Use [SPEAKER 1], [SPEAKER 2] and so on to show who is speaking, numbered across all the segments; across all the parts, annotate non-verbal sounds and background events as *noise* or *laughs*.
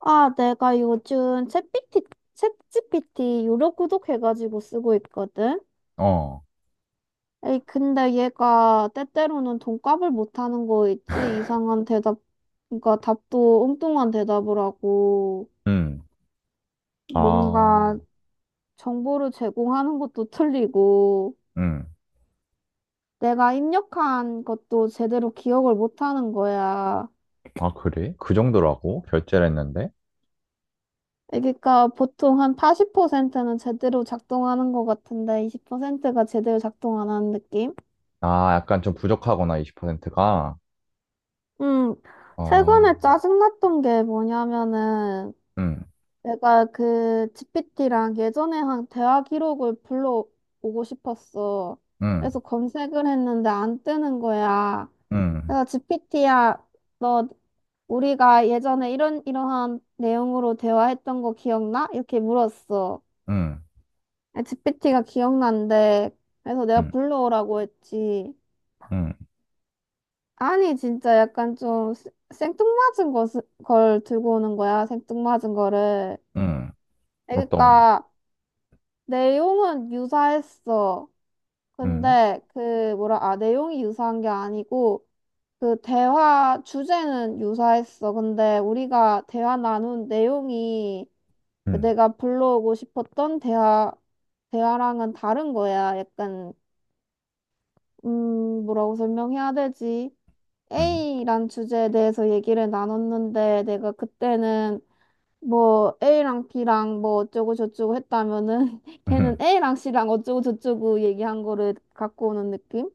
[SPEAKER 1] 아, 내가 요즘 챗피티, 챗GPT 유료 구독해가지고 쓰고 있거든?
[SPEAKER 2] 어,
[SPEAKER 1] 에이, 근데 얘가 때때로는 돈값을 못하는 거 있지? 이상한 대답, 그러니까 답도 엉뚱한 대답을 하고,
[SPEAKER 2] 음. 아,
[SPEAKER 1] 뭔가 정보를 제공하는 것도 틀리고,
[SPEAKER 2] 음,
[SPEAKER 1] 내가 입력한 것도 제대로 기억을 못하는 거야.
[SPEAKER 2] 아, 그래? 그 정도라고? 결제를 했는데?
[SPEAKER 1] 그러니까 보통 한 80%는 제대로 작동하는 것 같은데 20%가 제대로 작동 안 하는 느낌?
[SPEAKER 2] 아, 약간 좀 부족하구나, 20%가.
[SPEAKER 1] 음,
[SPEAKER 2] 어,
[SPEAKER 1] 최근에 짜증났던 게 뭐냐면은,
[SPEAKER 2] 음,
[SPEAKER 1] 내가 그 GPT랑 예전에 한 대화 기록을 불러오고 싶었어.
[SPEAKER 2] 음,
[SPEAKER 1] 그래서 검색을 했는데 안 뜨는 거야.
[SPEAKER 2] 음,
[SPEAKER 1] 그래서 GPT야, 너, 우리가 예전에 이러한 내용으로 대화했던 거 기억나? 이렇게 물었어.
[SPEAKER 2] 음,
[SPEAKER 1] GPT가 기억난대. 그래서 내가
[SPEAKER 2] 음,
[SPEAKER 1] 불러오라고 했지.
[SPEAKER 2] 음,
[SPEAKER 1] 아니, 진짜 약간 좀 생뚱맞은 걸 들고 오는 거야, 생뚱맞은 거를.
[SPEAKER 2] 음, 어떤,
[SPEAKER 1] 그러니까, 내용은 유사했어.
[SPEAKER 2] 음,
[SPEAKER 1] 근데, 내용이 유사한 게 아니고, 주제는 유사했어. 근데, 우리가 대화 나눈 내용이 그
[SPEAKER 2] 음,
[SPEAKER 1] 내가 불러오고 싶었던 대화랑은 다른 거야. 약간, 뭐라고 설명해야 되지?
[SPEAKER 2] 음.
[SPEAKER 1] A란 주제에 대해서 얘기를 나눴는데 내가 그때는 뭐 A랑 B랑 뭐 어쩌고 저쩌고 했다면은 *laughs* 걔는
[SPEAKER 2] *laughs*
[SPEAKER 1] A랑 C랑 어쩌고 저쩌고 얘기한 거를 갖고 오는 느낌?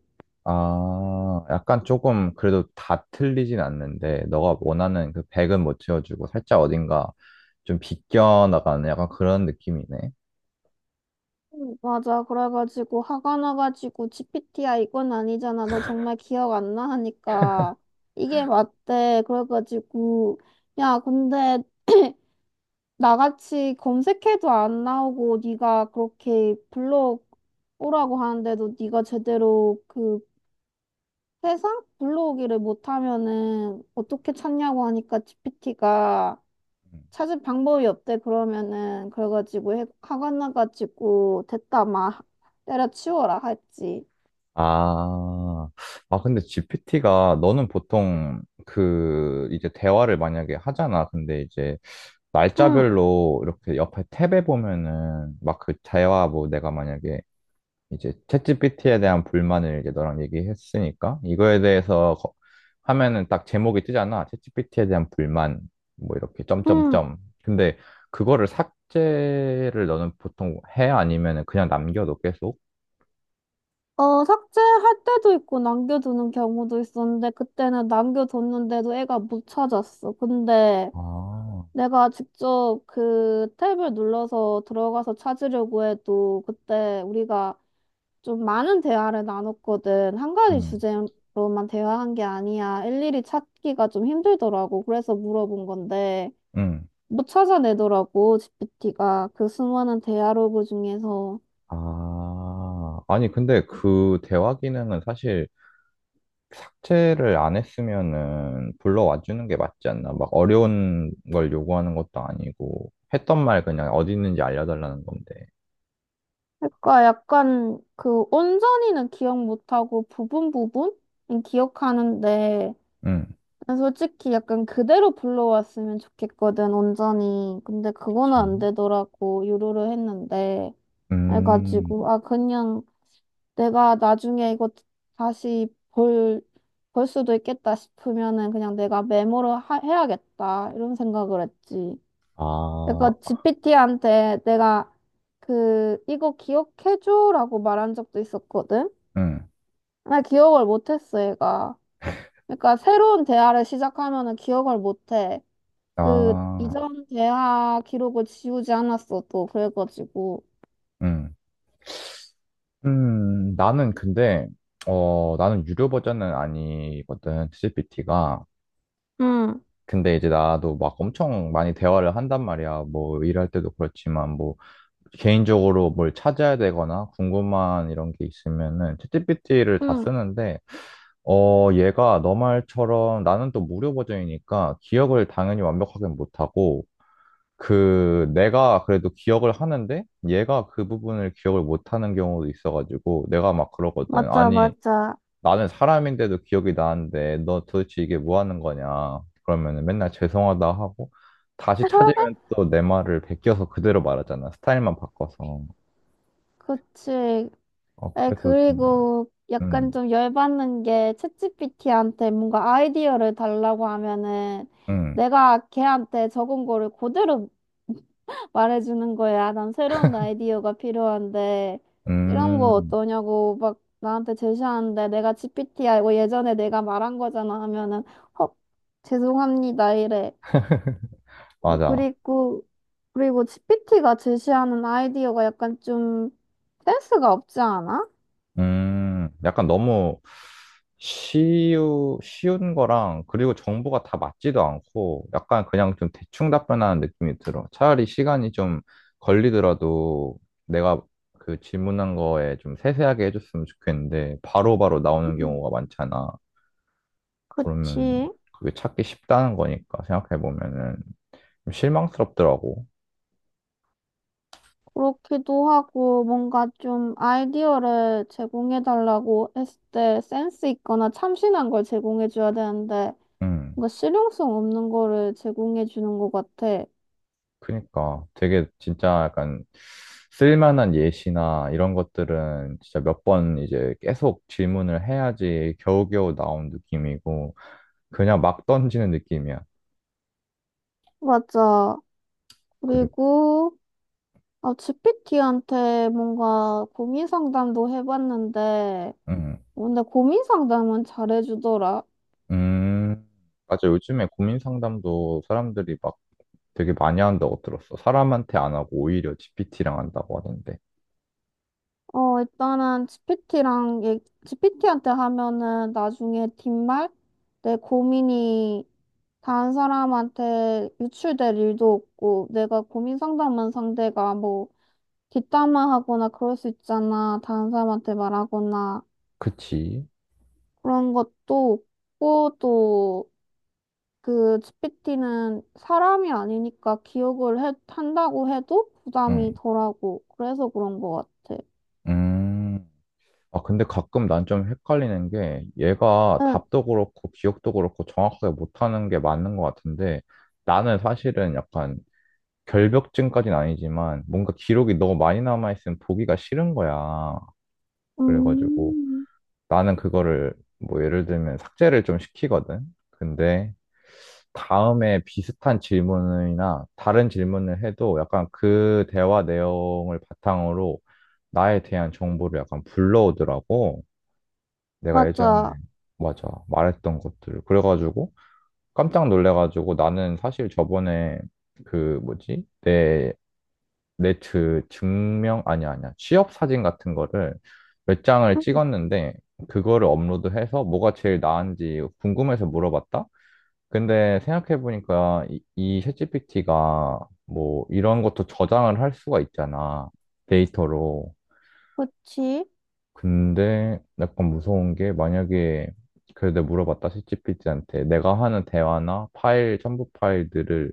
[SPEAKER 2] 아, 약간 조금 그래도 다 틀리진 않는데, 너가 원하는 그 100은 못 채워주고, 살짝 어딘가 좀 비껴나가는 약간 그런 느낌이네.
[SPEAKER 1] 맞아. 그래가지고 화가 나가지고 GPT야 이건 아니잖아. 너 정말 기억 안 나? 하니까 이게 맞대. 그래가지고 야 근데 *clears throat* 나같이 검색해도 안 나오고 네가 그렇게 블로그 오라고 하는데도 네가 제대로 그 세상 블로그를 못하면은 어떻게 찾냐고 하니까 GPT가 찾을 방법이 없대 그러면은 그래가지고 화가 나가지고 됐다 막 때려치워라 했지.
[SPEAKER 2] 아, 아, 근데 GPT가 너는 보통 그 이제 대화를 만약에 하잖아. 근데 이제
[SPEAKER 1] 응,
[SPEAKER 2] 날짜별로 이렇게 옆에 탭에 보면은 막 그 대화 뭐 내가 만약에 이제 챗GPT에 대한 불만을 이제 너랑 얘기했으니까 이거에 대해서 하면은 딱 제목이 뜨잖아. 챗GPT에 대한 불만 뭐 이렇게
[SPEAKER 1] 응.
[SPEAKER 2] 점점점. 근데 그거를 삭제를 너는 보통 해? 아니면은 그냥 남겨도 계속?
[SPEAKER 1] 어, 삭제할 때도 있고 남겨두는 경우도 있었는데 그때는 남겨뒀는데도 애가 못 찾았어. 근데
[SPEAKER 2] 아,
[SPEAKER 1] 내가 직접 그 탭을 눌러서 들어가서 찾으려고 해도 그때 우리가 좀 많은 대화를 나눴거든. 한 가지
[SPEAKER 2] 응,
[SPEAKER 1] 주제로만 대화한 게 아니야. 일일이 찾기가 좀 힘들더라고. 그래서 물어본 건데
[SPEAKER 2] 응.
[SPEAKER 1] 못 찾아내더라고, GPT가. 그 수많은 대화로그 중에서.
[SPEAKER 2] 아, 아니, 근데 그 대화 기능은 사실 채를 안 했으면은 불러와 주는 게 맞지 않나? 막 어려운 걸 요구하는 것도 아니고, 했던 말 그냥 어디 있는지 알려달라는 건데.
[SPEAKER 1] 그러니까 약간 그 온전히는 기억 못하고 부분 부분? 은 기억하는데
[SPEAKER 2] 응,
[SPEAKER 1] 난 솔직히 약간 그대로 불러왔으면 좋겠거든, 온전히. 근데 그거는
[SPEAKER 2] 그
[SPEAKER 1] 안 되더라고, 유료로 했는데.
[SPEAKER 2] 음,
[SPEAKER 1] 해가지고, 아, 그냥 내가 나중에 이거 다시 볼 수도 있겠다 싶으면은 그냥 내가 메모로 해야겠다, 이런 생각을 했지.
[SPEAKER 2] 아,
[SPEAKER 1] 내가 GPT한테 내가 이거 기억해줘라고 말한 적도 있었거든?
[SPEAKER 2] 응,
[SPEAKER 1] 나 기억을 못했어, 얘가. 그러니까 새로운 대화를 시작하면은 기억을 못해. 그
[SPEAKER 2] 아,
[SPEAKER 1] 이전 대화 기록을 지우지 않았어도 그래가지고
[SPEAKER 2] 응. 나는 근데, 어, 나는 유료 버전은 아니거든, GPT가.
[SPEAKER 1] 응,
[SPEAKER 2] 근데 이제 나도 막 엄청 많이 대화를 한단 말이야. 뭐, 일할 때도 그렇지만, 뭐, 개인적으로 뭘 찾아야 되거나 궁금한 이런 게 있으면은 챗GPT를 다
[SPEAKER 1] 응,
[SPEAKER 2] 쓰는데 어, 얘가 너 말처럼 나는 또 무료 버전이니까 기억을 당연히 완벽하게 못하고 그 내가 그래도 기억을 하는데 얘가 그 부분을 기억을 못하는 경우도 있어가지고 내가 막 그러거든.
[SPEAKER 1] 맞아,
[SPEAKER 2] 아니,
[SPEAKER 1] 맞아.
[SPEAKER 2] 나는 사람인데도 기억이 나는데 너 도대체 이게 뭐 하는 거냐. 그러면은 맨날 죄송하다 하고 다시 찾으면
[SPEAKER 1] *laughs*
[SPEAKER 2] 또 내 말을 베껴서 그대로 말하잖아. 스타일만 바꿔서.
[SPEAKER 1] 그치.
[SPEAKER 2] 어,
[SPEAKER 1] 에
[SPEAKER 2] 그래서 좀,
[SPEAKER 1] 그리고 약간
[SPEAKER 2] 음,
[SPEAKER 1] 좀 열받는 게 챗GPT한테 뭔가 아이디어를 달라고 하면은
[SPEAKER 2] 음,
[SPEAKER 1] 내가 걔한테 적은 거를 그대로 말해주는 거야. 난 새로운 아이디어가 필요한데, 이런 거
[SPEAKER 2] 음,
[SPEAKER 1] 어떠냐고 막 나한테 제시하는데, 내가 GPT 알고 예전에 내가 말한 거잖아 하면은, 어, 죄송합니다 이래.
[SPEAKER 2] 맞아.
[SPEAKER 1] 그리고, 그리고, GPT가 제시하는 아이디어가 약간 좀 센스가 없지 않아?
[SPEAKER 2] 약간 너무 쉬운 거랑, 그리고 정보가 다 맞지도 않고, 약간 그냥 좀 대충 답변하는 느낌이 들어. 차라리 시간이 좀 걸리더라도, 내가 그 질문한 거에 좀 세세하게 해줬으면 좋겠는데, 바로바로 나오는
[SPEAKER 1] 음,
[SPEAKER 2] 경우가 많잖아. 그러면,
[SPEAKER 1] 그치.
[SPEAKER 2] 그게 찾기 쉽다는 거니까, 생각해보면은, 좀 실망스럽더라고.
[SPEAKER 1] 그렇기도 하고, 뭔가 좀 아이디어를 제공해달라고 했을 때 센스 있거나 참신한 걸 제공해줘야 되는데,
[SPEAKER 2] 음.
[SPEAKER 1] 뭔가 실용성 없는 거를 제공해 주는 것 같아.
[SPEAKER 2] 그니까 되게 진짜 약간 쓸만한 예시나 이런 것들은 진짜 몇 번 이제 계속 질문을 해야지 겨우겨우 나온 느낌이고 그냥 막 던지는 느낌이야.
[SPEAKER 1] 맞아.
[SPEAKER 2] 그리고
[SPEAKER 1] 그리고 아, GPT한테 뭔가 고민 상담도 해봤는데,
[SPEAKER 2] 음,
[SPEAKER 1] 근데 고민 상담은 잘해주더라.
[SPEAKER 2] 음 맞아 요즘에 고민 상담도 사람들이 막 되게 많이 한다고 들었어. 사람한테 안 하고 오히려 GPT랑 한다고 하던데.
[SPEAKER 1] 어, 일단은 GPT랑, GPT한테 하면은 나중에 뒷말? 내 고민이 다른 사람한테 유출될 일도 없고, 내가 고민 상담한 상대가 뭐 뒷담화하거나 그럴 수 있잖아. 다른 사람한테 말하거나.
[SPEAKER 2] 그치?
[SPEAKER 1] 그런 것도 없고 또 그 GPT는 사람이 아니니까 기억을 한다고 해도
[SPEAKER 2] 응,
[SPEAKER 1] 부담이 덜하고 그래서 그런 것 같아.
[SPEAKER 2] 음. 아, 근데 가끔 난 좀 헷갈리는 게 얘가
[SPEAKER 1] 응,
[SPEAKER 2] 답도 그렇고 기억도 그렇고 정확하게 못하는 게 맞는 것 같은데 나는 사실은 약간 결벽증까지는 아니지만 뭔가 기록이 너무 많이 남아있으면 보기가 싫은 거야. 그래가지고
[SPEAKER 1] 음,
[SPEAKER 2] 나는 그거를 뭐 예를 들면 삭제를 좀 시키거든. 근데 다음에 비슷한 질문이나 다른 질문을 해도 약간 그 대화 내용을 바탕으로 나에 대한 정보를 약간 불러오더라고. 내가 예전에
[SPEAKER 1] 맞아.
[SPEAKER 2] 맞아 말했던 것들 그래가지고 깜짝 놀래가지고 나는 사실 저번에 그 뭐지 내 네트 증명 아니 아니야 아니야. 취업 사진 같은 거를 몇 장을
[SPEAKER 1] 음,
[SPEAKER 2] 찍었는데 그거를 업로드해서 뭐가 제일 나은지 궁금해서 물어봤다 근데 생각해보니까 이 챗GPT가 뭐 이런 것도 저장을 할 수가 있잖아 데이터로
[SPEAKER 1] 그치?
[SPEAKER 2] 근데 약간 무서운 게 만약에 그래도 내가 물어봤다 챗GPT한테 내가 하는 대화나 파일 첨부 파일들을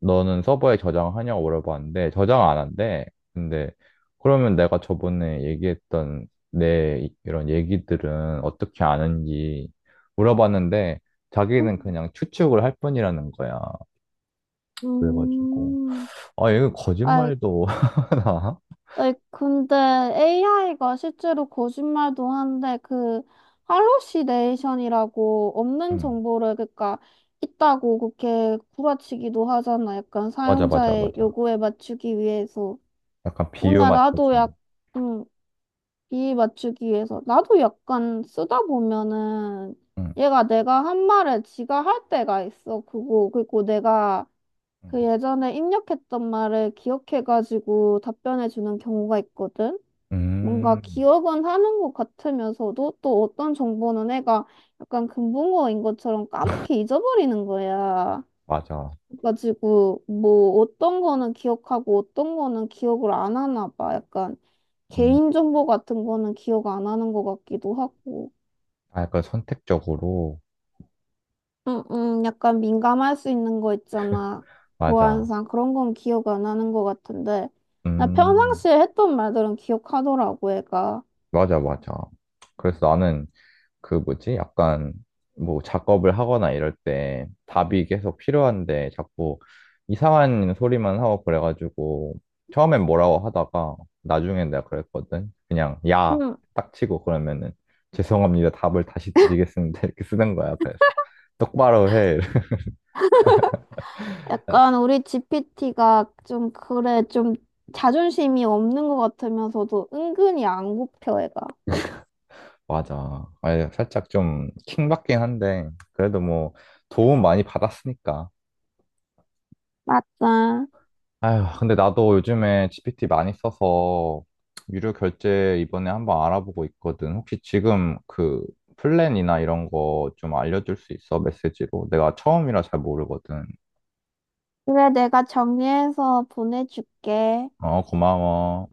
[SPEAKER 2] 너는 서버에 저장하냐고 물어봤는데 저장 안 한대. 근데 그러면 내가 저번에 얘기했던 내 이런 얘기들은 어떻게 아는지 물어봤는데 자기는
[SPEAKER 1] 음.
[SPEAKER 2] 그냥 추측을 할 뿐이라는 거야. 그래가지고
[SPEAKER 1] 음,
[SPEAKER 2] 아 얘가
[SPEAKER 1] 아,
[SPEAKER 2] 거짓말도 *laughs* 하나?
[SPEAKER 1] 아니, 근데 AI가 실제로 거짓말도 한데 그 할로시네이션이라고 없는
[SPEAKER 2] 응
[SPEAKER 1] 정보를 그러니까 있다고 그렇게 구라치기도 하잖아. 약간
[SPEAKER 2] 맞아 맞아
[SPEAKER 1] 사용자의
[SPEAKER 2] 맞아.
[SPEAKER 1] 요구에 맞추기 위해서.
[SPEAKER 2] 약간 비유
[SPEAKER 1] 오늘 나도
[SPEAKER 2] 맞춰주는.
[SPEAKER 1] 음, 이 맞추기 위해서. 나도 약간 쓰다 보면은
[SPEAKER 2] 응.
[SPEAKER 1] 얘가 내가 한 말을 지가 할 때가 있어. 그거 그리고 내가
[SPEAKER 2] 응.
[SPEAKER 1] 그 예전에 입력했던 말을 기억해가지고 답변해 주는 경우가 있거든. 뭔가
[SPEAKER 2] 음,
[SPEAKER 1] 기억은 하는 것 같으면서도 또 어떤 정보는 애가 약간 금붕어인 것처럼 까맣게 잊어버리는 거야.
[SPEAKER 2] 맞아.
[SPEAKER 1] 그래가지고 뭐 어떤 거는 기억하고 어떤 거는 기억을 안 하나 봐. 약간
[SPEAKER 2] 음,
[SPEAKER 1] 개인정보 같은 거는 기억 안 하는 것 같기도 하고.
[SPEAKER 2] 아, 약간 선택적으로.
[SPEAKER 1] 응응, 약간 민감할 수 있는 거 있잖아.
[SPEAKER 2] 맞아.
[SPEAKER 1] 보안상 그런 건 기억 안 하는 것 같은데. 나
[SPEAKER 2] 음,
[SPEAKER 1] 평상시에 했던 말들은 기억하더라고, 애가.
[SPEAKER 2] 맞아, 맞아. 그래서 나는 그 뭐지? 약간 뭐 작업을 하거나 이럴 때 답이 계속 필요한데 자꾸 이상한 소리만 하고 그래가지고 처음엔 뭐라고 하다가 나중에 내가 그랬거든. 그냥 야,
[SPEAKER 1] 응,
[SPEAKER 2] 딱 치고 그러면은 죄송합니다. 답을 다시 드리겠습니다. *laughs* 이렇게 쓰는 거야. 그래서 똑바로 해. *laughs*
[SPEAKER 1] 약간 우리 GPT가 좀 그래 좀 자존심이 없는 것 같으면서도 은근히 안 굽혀 애가.
[SPEAKER 2] 맞아. 아 살짝 좀 킹받긴 한데, 그래도 뭐 도움 많이 받았으니까.
[SPEAKER 1] 맞아.
[SPEAKER 2] 아휴, 근데 나도 요즘에 GPT 많이 써서 유료 결제 이번에 한번 알아보고 있거든. 혹시 지금 그 플랜이나 이런 거 좀 알려줄 수 있어? 메시지로? 내가 처음이라 잘 모르거든.
[SPEAKER 1] 그래 내가 정리해서 보내줄게.
[SPEAKER 2] 어, 고마워.